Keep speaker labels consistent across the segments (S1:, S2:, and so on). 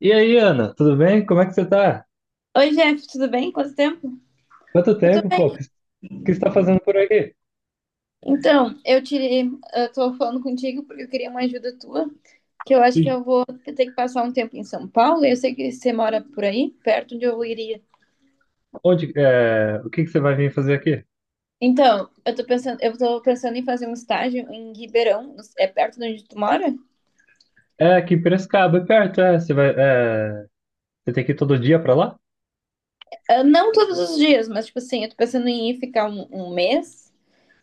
S1: E aí, Ana, tudo bem? Como é que você tá?
S2: Oi, Jeff, tudo bem? Quanto tempo?
S1: Quanto
S2: Eu tô
S1: tempo, pô?
S2: bem.
S1: O que você tá fazendo por aqui?
S2: Então, eu tô falando contigo porque eu queria uma ajuda tua, que eu acho que
S1: E
S2: eu vou ter que passar um tempo em São Paulo, e eu sei que você mora por aí, perto de onde eu iria.
S1: onde, o que que você vai vir fazer aqui?
S2: Então, eu tô pensando em fazer um estágio em Ribeirão, é perto de onde tu mora?
S1: É, aqui em Piracicaba, é perto, é. Você tem que ir todo dia pra lá?
S2: Ah, não todos os dias, mas tipo assim, eu tô pensando em ir ficar um mês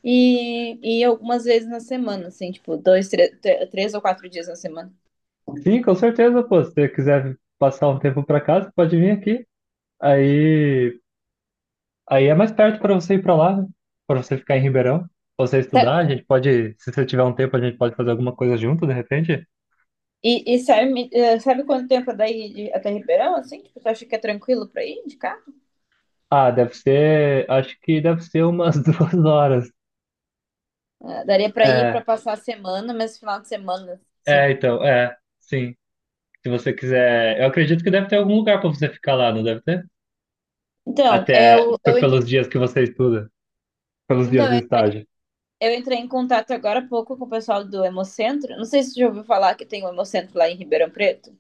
S2: e algumas vezes na semana, assim, tipo, 3 ou 4 dias na semana.
S1: Sim, com certeza, pô. Se você quiser passar um tempo pra casa, pode vir aqui. Aí, aí é mais perto pra você ir pra lá, né? Pra você ficar em Ribeirão, pra você estudar. A gente pode, se você tiver um tempo, a gente pode fazer alguma coisa junto, de repente.
S2: E sabe, sabe quanto tempo é até Ribeirão, assim? Tipo, tu acha que é tranquilo pra ir de carro?
S1: Ah, deve ser, acho que deve ser umas 2 horas.
S2: Ah, daria pra ir pra
S1: É,
S2: passar a semana, mas final de semana, assim.
S1: é, então, sim. Se você quiser, eu acredito que deve ter algum lugar para você ficar lá, não deve ter?
S2: Então,
S1: Até pelos dias que você estuda, pelos dias
S2: então,
S1: do
S2: eu
S1: estágio.
S2: eu entrei em contato agora há pouco com o pessoal do Hemocentro. Não sei se você já ouviu falar que tem um Hemocentro lá em Ribeirão Preto.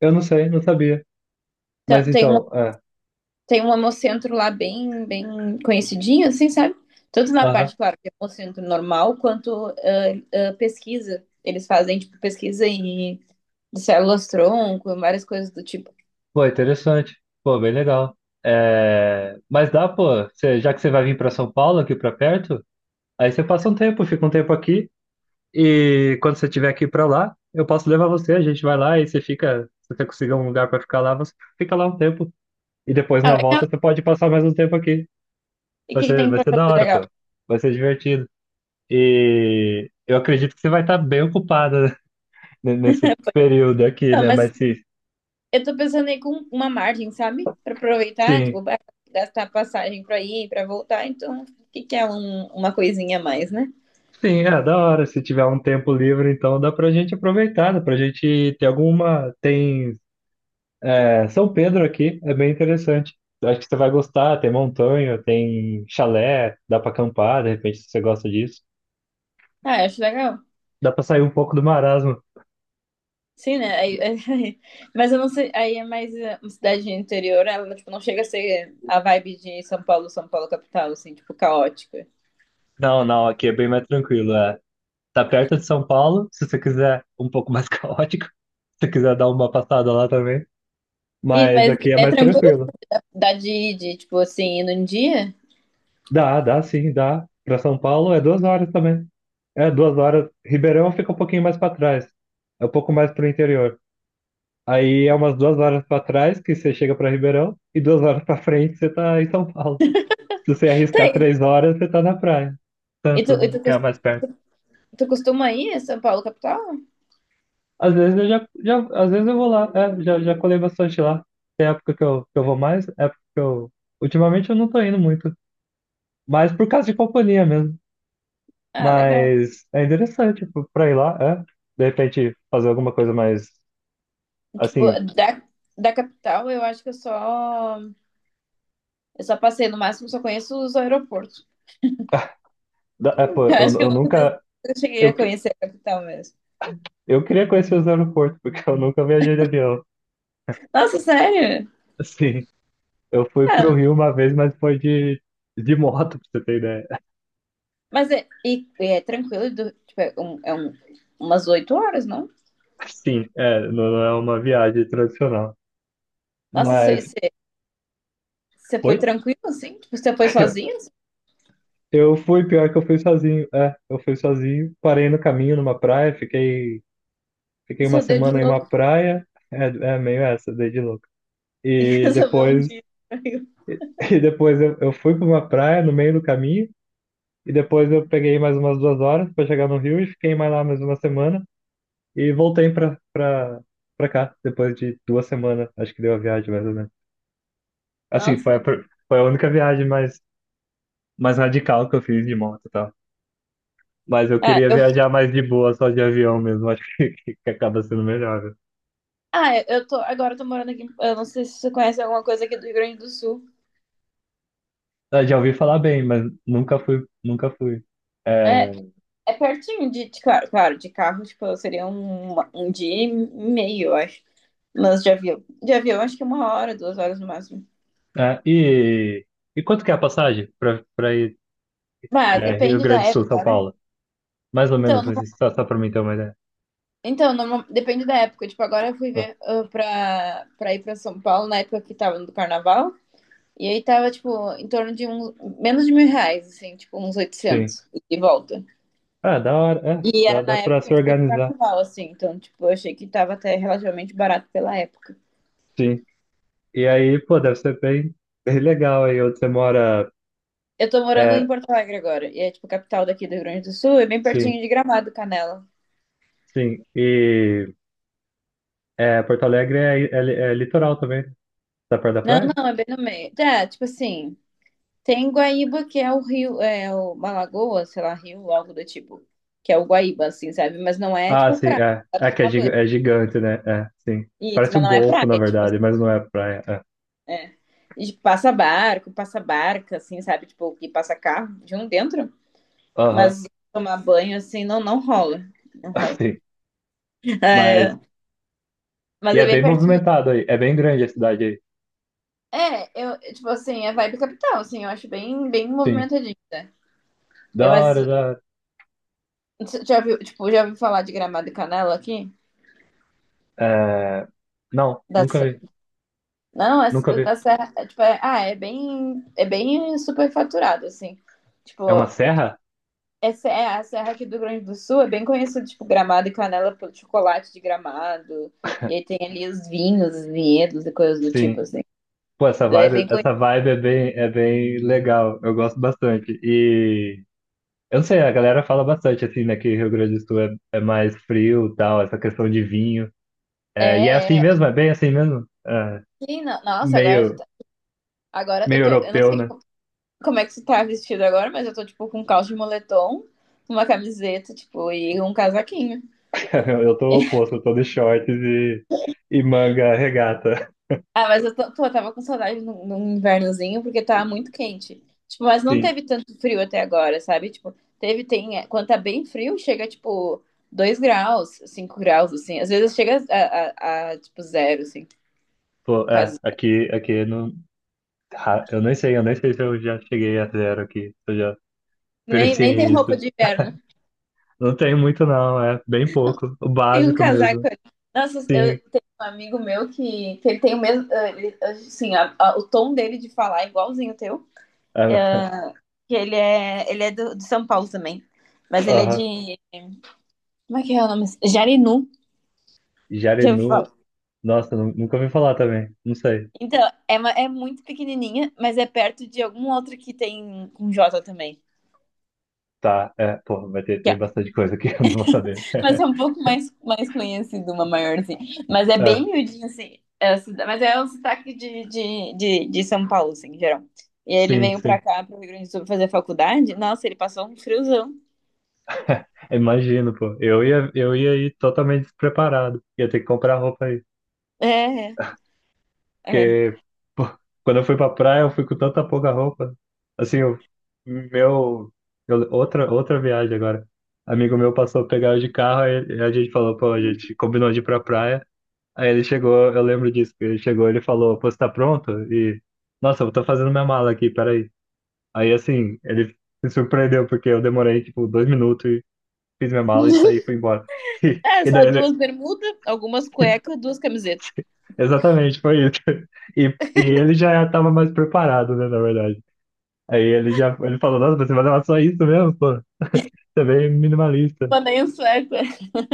S1: Eu não sei, não sabia. Mas
S2: Então, tem um,
S1: então, é.
S2: tem um Hemocentro lá bem, bem conhecidinho, assim, sabe? Tanto na
S1: Aham.
S2: parte, claro, de Hemocentro normal, quanto pesquisa. Eles fazem, tipo, pesquisa e de células-tronco, várias coisas do tipo.
S1: Pô, interessante. Pô, bem legal. É, mas dá, pô, já que você vai vir para São Paulo, aqui para perto, aí você passa um tempo, fica um tempo aqui, e quando você estiver aqui para lá, eu posso levar você, a gente vai lá e você fica, se você conseguir um lugar para ficar lá, você fica lá um tempo. E depois
S2: Ah,
S1: na volta
S2: legal.
S1: você pode passar mais um tempo aqui.
S2: E o
S1: Vai
S2: que, que
S1: ser,
S2: tem
S1: vai
S2: pra
S1: ser da
S2: fazer
S1: hora,
S2: legal?
S1: pô. Vai ser divertido. E eu acredito que você vai estar bem ocupada né, nesse período aqui,
S2: Não,
S1: né?
S2: mas
S1: Mas se,
S2: eu tô pensando aí com uma margem, sabe? Pra aproveitar,
S1: sim,
S2: tipo, gastar passagem pra ir, pra voltar. Então, o que, que é uma coisinha a mais, né?
S1: sim, é da hora. Se tiver um tempo livre, então dá pra gente aproveitar, dá pra gente ter alguma. Tem, São Pedro aqui, é bem interessante. Eu acho que você vai gostar. Tem montanha, tem chalé, dá pra acampar, de repente, se você gosta disso.
S2: Ah, eu acho legal.
S1: Dá pra sair um pouco do marasmo.
S2: Sim, né? Mas eu não sei. Aí é mais é, uma cidade interior, ela, tipo, não chega a ser a vibe de São Paulo, São Paulo capital, assim, tipo, caótica.
S1: Não, não, aqui é bem mais tranquilo. Tá perto de São Paulo, se você quiser um pouco mais caótico, se você quiser dar uma passada lá também.
S2: E,
S1: Mas
S2: mas
S1: aqui é
S2: é
S1: mais
S2: tranquilo?
S1: tranquilo.
S2: Dá de, tipo, assim, ir num dia?
S1: Dá, dá sim, dá. Pra São Paulo é 2 horas também. É, duas horas. Ribeirão fica um pouquinho mais pra trás. É um pouco mais pro interior. Aí é umas 2 horas pra trás que você chega pra Ribeirão e 2 horas pra frente você tá em São Paulo. Se você
S2: Tá,
S1: arriscar
S2: aí,
S1: 3 horas, você tá na praia.
S2: e tu,
S1: Tanto,
S2: e
S1: né?
S2: tu
S1: Que é mais perto.
S2: tu costuma ir a São Paulo, capital?
S1: Às vezes eu já às vezes eu vou lá, já colei bastante lá. Tem época que eu vou mais, época que eu. Ultimamente eu não tô indo muito. Mas por causa de companhia mesmo.
S2: Ah, legal.
S1: Mas é interessante pô, pra ir lá, é. De repente fazer alguma coisa mais
S2: Tipo,
S1: assim.
S2: da, da capital, eu acho que eu só. Eu só passei, no máximo, só conheço os aeroportos.
S1: É, pô,
S2: Eu
S1: eu,
S2: acho que eu
S1: eu
S2: nunca des-
S1: nunca.
S2: eu cheguei
S1: Eu,
S2: a
S1: que-
S2: conhecer a capital mesmo.
S1: eu queria conhecer os aeroportos, porque eu nunca viajei de avião.
S2: Nossa, sério?
S1: Assim, eu fui pro
S2: Ah,
S1: Rio uma vez, mas foi de moto, pra você ter ideia.
S2: mas é tranquilo, tipo, umas 8 horas, não?
S1: Sim, não, não é uma viagem tradicional.
S2: Nossa,
S1: Mas
S2: você foi
S1: foi.
S2: tranquilo assim? Tipo, você foi sozinho? Assim?
S1: Eu fui, pior que eu fui sozinho. É, eu fui sozinho, parei no caminho numa praia, fiquei uma
S2: Só deu de
S1: semana em uma
S2: louco.
S1: praia. É, é meio essa, dei de louco.
S2: E
S1: E
S2: resolveu um
S1: depois,
S2: dia.
S1: e depois eu fui para uma praia no meio do caminho, e depois eu peguei mais umas 2 horas para chegar no Rio e fiquei mais lá mais uma semana e voltei para cá depois de 2 semanas, acho que deu a viagem mais ou menos. Assim, foi a,
S2: Nossa.
S1: pr- foi a única viagem mais radical que eu fiz de moto, e mas eu
S2: Ah,
S1: queria
S2: eu
S1: viajar mais de boa, só de avião mesmo. Acho que acaba sendo melhor, né?
S2: Ah, é, agora eu tô morando aqui. Eu não sei se você conhece alguma coisa aqui do Rio Grande do Sul.
S1: Ah, já ouvi falar bem, mas nunca fui, nunca fui. É,
S2: É, é pertinho de, claro, claro, de carro, tipo, seria um dia e meio, eu acho. Mas de avião. De avião, acho que é uma hora, 2 horas no máximo.
S1: é, e quanto que é a passagem para ir,
S2: Ah,
S1: Rio
S2: depende
S1: Grande
S2: da
S1: do Sul, São
S2: época, né?
S1: Paulo? Mais ou
S2: Então,
S1: menos, assim,
S2: no-
S1: só para mim ter uma ideia.
S2: então no- depende da época. Tipo, agora eu fui
S1: Ah,
S2: ver pra, pra ir pra São Paulo na época que tava no carnaval. E aí tava, tipo, em torno de menos de 1.000 reais, assim, tipo, uns
S1: sim.
S2: 800 e volta.
S1: Ah, da hora. É,
S2: E
S1: dá,
S2: era
S1: dá
S2: na
S1: para
S2: época,
S1: se
S2: tipo, do
S1: organizar.
S2: carnaval, assim. Então, tipo, eu achei que tava até relativamente barato pela época.
S1: Sim. E aí, pô, deve ser bem, bem legal aí onde você mora.
S2: Eu tô morando em
S1: É,
S2: Porto Alegre agora. E é, tipo, a capital daqui do Rio Grande do Sul. É bem pertinho
S1: sim,
S2: de Gramado, Canela.
S1: sim. E Porto Alegre é litoral também. Tá perto da
S2: Não,
S1: praia?
S2: não, é bem no meio. Tá, tipo assim. Tem Guaíba, que é o rio. É o uma lagoa, sei lá, rio, algo do tipo. Que é o Guaíba, assim, sabe? Mas não é,
S1: Ah,
S2: tipo,
S1: sim,
S2: praia.
S1: é.
S2: Dá pra
S1: É que é,
S2: tomar banho.
S1: é gigante, né? É, sim.
S2: Isso,
S1: Parece
S2: mas
S1: um
S2: não é
S1: golfo,
S2: praia,
S1: na
S2: tipo assim,
S1: verdade, mas não é praia, é.
S2: é. E, tipo, passa barco, passa barca, assim, sabe? Tipo, que passa carro de um dentro.
S1: Aham,
S2: Mas tomar banho, assim, não, não rola. Não rola.
S1: sim. Mas.
S2: É,
S1: E
S2: mas é
S1: é
S2: bem
S1: bem
S2: pertinho.
S1: movimentado aí. É bem grande a cidade aí.
S2: É, eu, tipo assim, é vibe capital, assim, eu acho bem, bem
S1: Sim.
S2: movimentadinho, né?
S1: Da
S2: Eu mas,
S1: hora, da hora.
S2: já ouviu falar de Gramado e Canela aqui?
S1: É... Não,
S2: Da,
S1: nunca
S2: Se-
S1: vi.
S2: Não, é,
S1: Nunca vi.
S2: da Serra, é, tipo, é, é bem superfaturado, assim.
S1: É uma
S2: Tipo,
S1: serra?
S2: é a Serra aqui do Rio Grande do Sul é bem conhecida, tipo, Gramado e Canela pelo chocolate de Gramado, e aí tem ali os vinhos, os vinhedos e coisas do
S1: Sim.
S2: tipo, assim.
S1: Pô,
S2: É bem.
S1: essa vibe é bem legal. Eu gosto bastante. E. Eu não sei, a galera fala bastante assim, né? Que Rio Grande do Sul é mais frio e tal, essa questão de vinho. É, e é
S2: É,
S1: assim
S2: é.
S1: mesmo, é bem assim mesmo. É.
S2: Sim, nossa, agora,
S1: Meio,
S2: agora eu
S1: meio
S2: tô. Eu não
S1: europeu,
S2: sei
S1: né?
S2: como é que tu tá vestido agora, mas eu tô, tipo, com um calço de moletom, uma camiseta, tipo, e um casaquinho.
S1: Cara, eu tô oposto, eu tô de shorts e manga regata.
S2: Ah, mas eu tô, pô, eu tava com saudade num invernozinho, porque tava muito quente. Tipo, mas não
S1: Sim,
S2: teve tanto frio até agora, sabe? Tipo, teve, tem. Quando tá bem frio, chega, tipo, 2 graus, 5 graus, assim. Às vezes chega a tipo, zero, assim,
S1: pô,
S2: quase.
S1: aqui não. Eu nem sei se eu já cheguei a zero aqui, se eu já
S2: Nem, nem
S1: experienciei
S2: tem roupa
S1: isso.
S2: de inverno.
S1: Não tem muito, não, é bem pouco, o
S2: Tem um
S1: básico
S2: casaco
S1: mesmo.
S2: ali. Nossa, eu
S1: Sim,
S2: tenho um amigo meu que ele tem o mesmo. Assim, o tom dele de falar é igualzinho o teu.
S1: é,
S2: Que ele é do, de São Paulo também. Mas ele é
S1: aham.
S2: de. Como é que é o nome? Jarinu, já ouvi
S1: Jarinu,
S2: falar.
S1: nossa, nunca ouvi falar também, não sei.
S2: Então, é muito pequenininha, mas é perto de algum outro que tem com J também.
S1: Tá, pô, tem bastante coisa aqui, eu não vou saber.
S2: Mas é um pouco mais, mais conhecido, uma maiorzinha. Mas é bem
S1: É,
S2: miudinho, assim. É o mas é um sotaque de São Paulo, assim, em geral. E aí ele
S1: sim,
S2: veio
S1: sim.
S2: pra cá, pro Rio Grande do Sul, pra fazer faculdade. Nossa, ele passou um friozão.
S1: Imagino, pô. Eu ia ir totalmente despreparado. Ia ter que comprar roupa aí.
S2: É, é.
S1: Porque, pô, quando eu fui pra praia, eu fui com tanta pouca roupa. Assim, eu, meu. Outra viagem agora. Amigo meu passou a pegar eu de carro, aí a gente falou, pô, a gente combinou de ir pra praia. Aí ele chegou, eu lembro disso, que ele chegou, ele falou, pô, você tá pronto? E, nossa, eu tô fazendo minha mala aqui, peraí. Aí, assim, ele se surpreendeu, porque eu demorei, tipo, 2 minutos e fiz minha mala e saí e fui embora.
S2: É,
S1: E,
S2: só
S1: daí ele.
S2: duas bermudas, algumas cuecas, duas camisetas.
S1: Exatamente, foi isso. E, e ele já estava mais preparado, né, na verdade. Aí ele já ele falou, nossa, você vai levar só isso mesmo, pô? Você é bem minimalista.
S2: Mandei um sueco.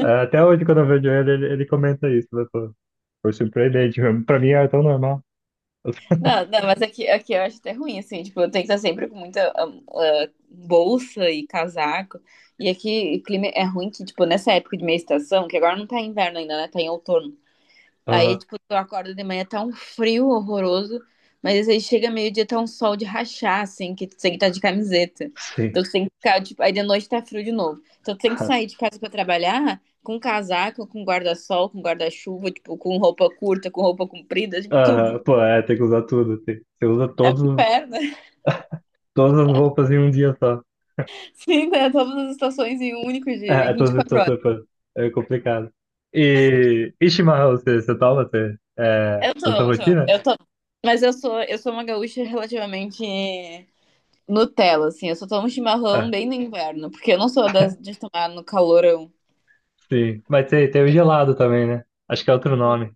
S1: É, até hoje, quando eu vejo ele, ele comenta isso, né, pô? Foi surpreendente mesmo. Pra mim era tão normal. Eu fico,
S2: Não, não, mas aqui, aqui eu acho até ruim, assim, tipo, eu tenho que estar sempre com muita bolsa e casaco. E aqui o clima é ruim que, tipo, nessa época de meia estação, que agora não tá inverno ainda, né? Tá em outono. Aí,
S1: aham,
S2: tipo, tu acorda de manhã, tá um frio horroroso, mas aí chega meio-dia, tá um sol de rachar, assim, que tu tem que estar de camiseta.
S1: sim.
S2: Então tu tem que ficar, tipo, aí de noite tá frio de novo. Então tu tem que sair de casa pra trabalhar com casaco, com guarda-sol, com guarda-chuva, tipo, com roupa curta, com roupa comprida, tipo, tudo.
S1: Aham, pô, é, tem que usar tudo. Tem, você usa
S2: Inferno.
S1: todas as roupas em um dia só.
S2: Sim, né? Todas as estações em um único dia, em
S1: É, todas as
S2: 24 horas.
S1: estações, pô. É complicado. E chimarrão, você toma? Você, é,
S2: Eu tô,
S1: da sua
S2: eu tô,
S1: rotina?
S2: eu tô. Mas eu sou uma gaúcha relativamente Nutella, assim. Eu só tomo chimarrão bem no inverno, porque eu não sou das de tomar no calorão.
S1: Sim, mas tem o gelado também, né? Acho que é outro nome.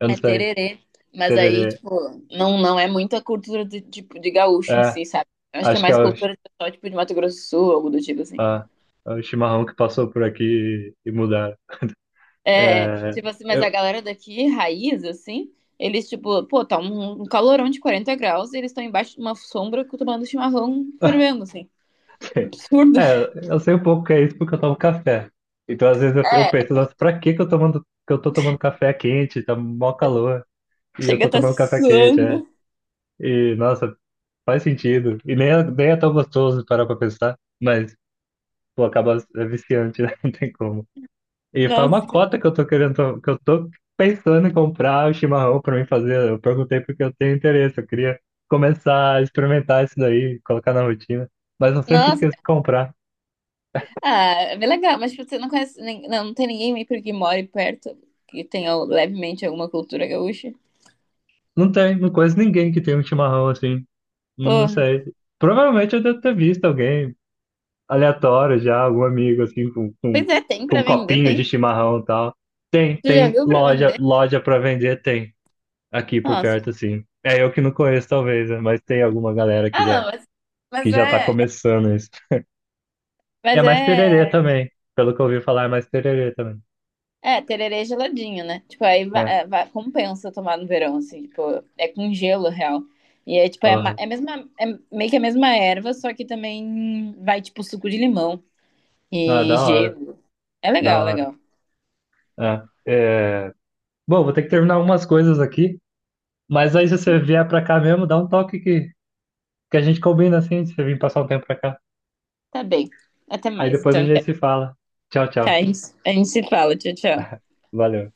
S1: Eu não
S2: É
S1: sei.
S2: tererê. Mas aí,
S1: Tererê.
S2: tipo, não, não é muita cultura de, tipo, de gaúcho em
S1: É,
S2: si, sabe? Eu acho que é
S1: acho que
S2: mais cultura de pessoal, tipo, de Mato Grosso do Sul, algo do tipo assim.
S1: ah, é o chimarrão que passou por aqui e mudaram.
S2: É,
S1: É,
S2: tipo assim, mas a
S1: eu,
S2: galera daqui, raiz, assim, eles, tipo, pô, tá um calorão de 40 graus e eles estão embaixo de uma sombra tomando chimarrão fervendo, assim. Absurdo.
S1: é, eu sei um pouco que é isso porque eu tomo café. Então, às vezes, eu
S2: É,
S1: penso, nossa, pra que que eu tô tomando café quente? Tá mó calor. E eu
S2: chega a
S1: tô
S2: tá
S1: tomando café quente, é.
S2: suando.
S1: E, nossa, faz sentido. E nem, nem é tão gostoso parar pra pensar. Mas, pô, acaba é viciante, né? Não tem como. E faz uma
S2: Nossa,
S1: cota que eu tô querendo, que eu tô pensando em comprar o chimarrão pra mim fazer. Eu perguntei porque eu tenho interesse, eu queria começar a experimentar isso daí, colocar na rotina. Mas eu sempre
S2: nossa.
S1: esqueço de comprar.
S2: Ah, é bem legal, mas tipo, você não conhece, não, não tem ninguém meio que more perto que tenha levemente alguma cultura gaúcha.
S1: Não tem, não conheço ninguém que tem um chimarrão assim. Não, não
S2: Pô,
S1: sei. Provavelmente eu devo ter visto alguém aleatório já, algum amigo assim com, com,
S2: pois é, tem
S1: com
S2: pra
S1: um
S2: vender,
S1: copinho de
S2: tem.
S1: chimarrão e tal. Tem,
S2: Você já
S1: tem
S2: viu pra
S1: loja,
S2: vender?
S1: loja para vender, tem aqui por
S2: Nossa.
S1: perto assim. É eu que não conheço talvez, né? Mas tem alguma galera que
S2: Ah, não,
S1: já
S2: mas,
S1: que
S2: mas
S1: já tá
S2: é.
S1: começando isso. E é
S2: Mas
S1: mais tererê
S2: é.
S1: também. Pelo que eu ouvi falar, é mais tererê também.
S2: É, tererê geladinho, né? Tipo, aí va-
S1: É.
S2: é, va- compensa tomar no verão, assim, tipo, é com gelo, real. E é tipo, é, ma-
S1: Porra.
S2: é, a mesma, é meio que a mesma erva, só que também vai, tipo, suco de limão
S1: Ah,
S2: e
S1: da hora.
S2: gelo. É
S1: Da
S2: legal,
S1: hora.
S2: legal.
S1: É. É, bom, vou ter que terminar algumas coisas aqui. Mas aí, se você vier pra cá mesmo, dá um toque que a gente combina assim, de você vir passar um tempo pra cá.
S2: Tá bem. Até
S1: Aí
S2: mais,
S1: depois a
S2: então.
S1: gente se fala. Tchau,
S2: Tá,
S1: tchau.
S2: a gente se fala. Tchau, tchau.
S1: Valeu.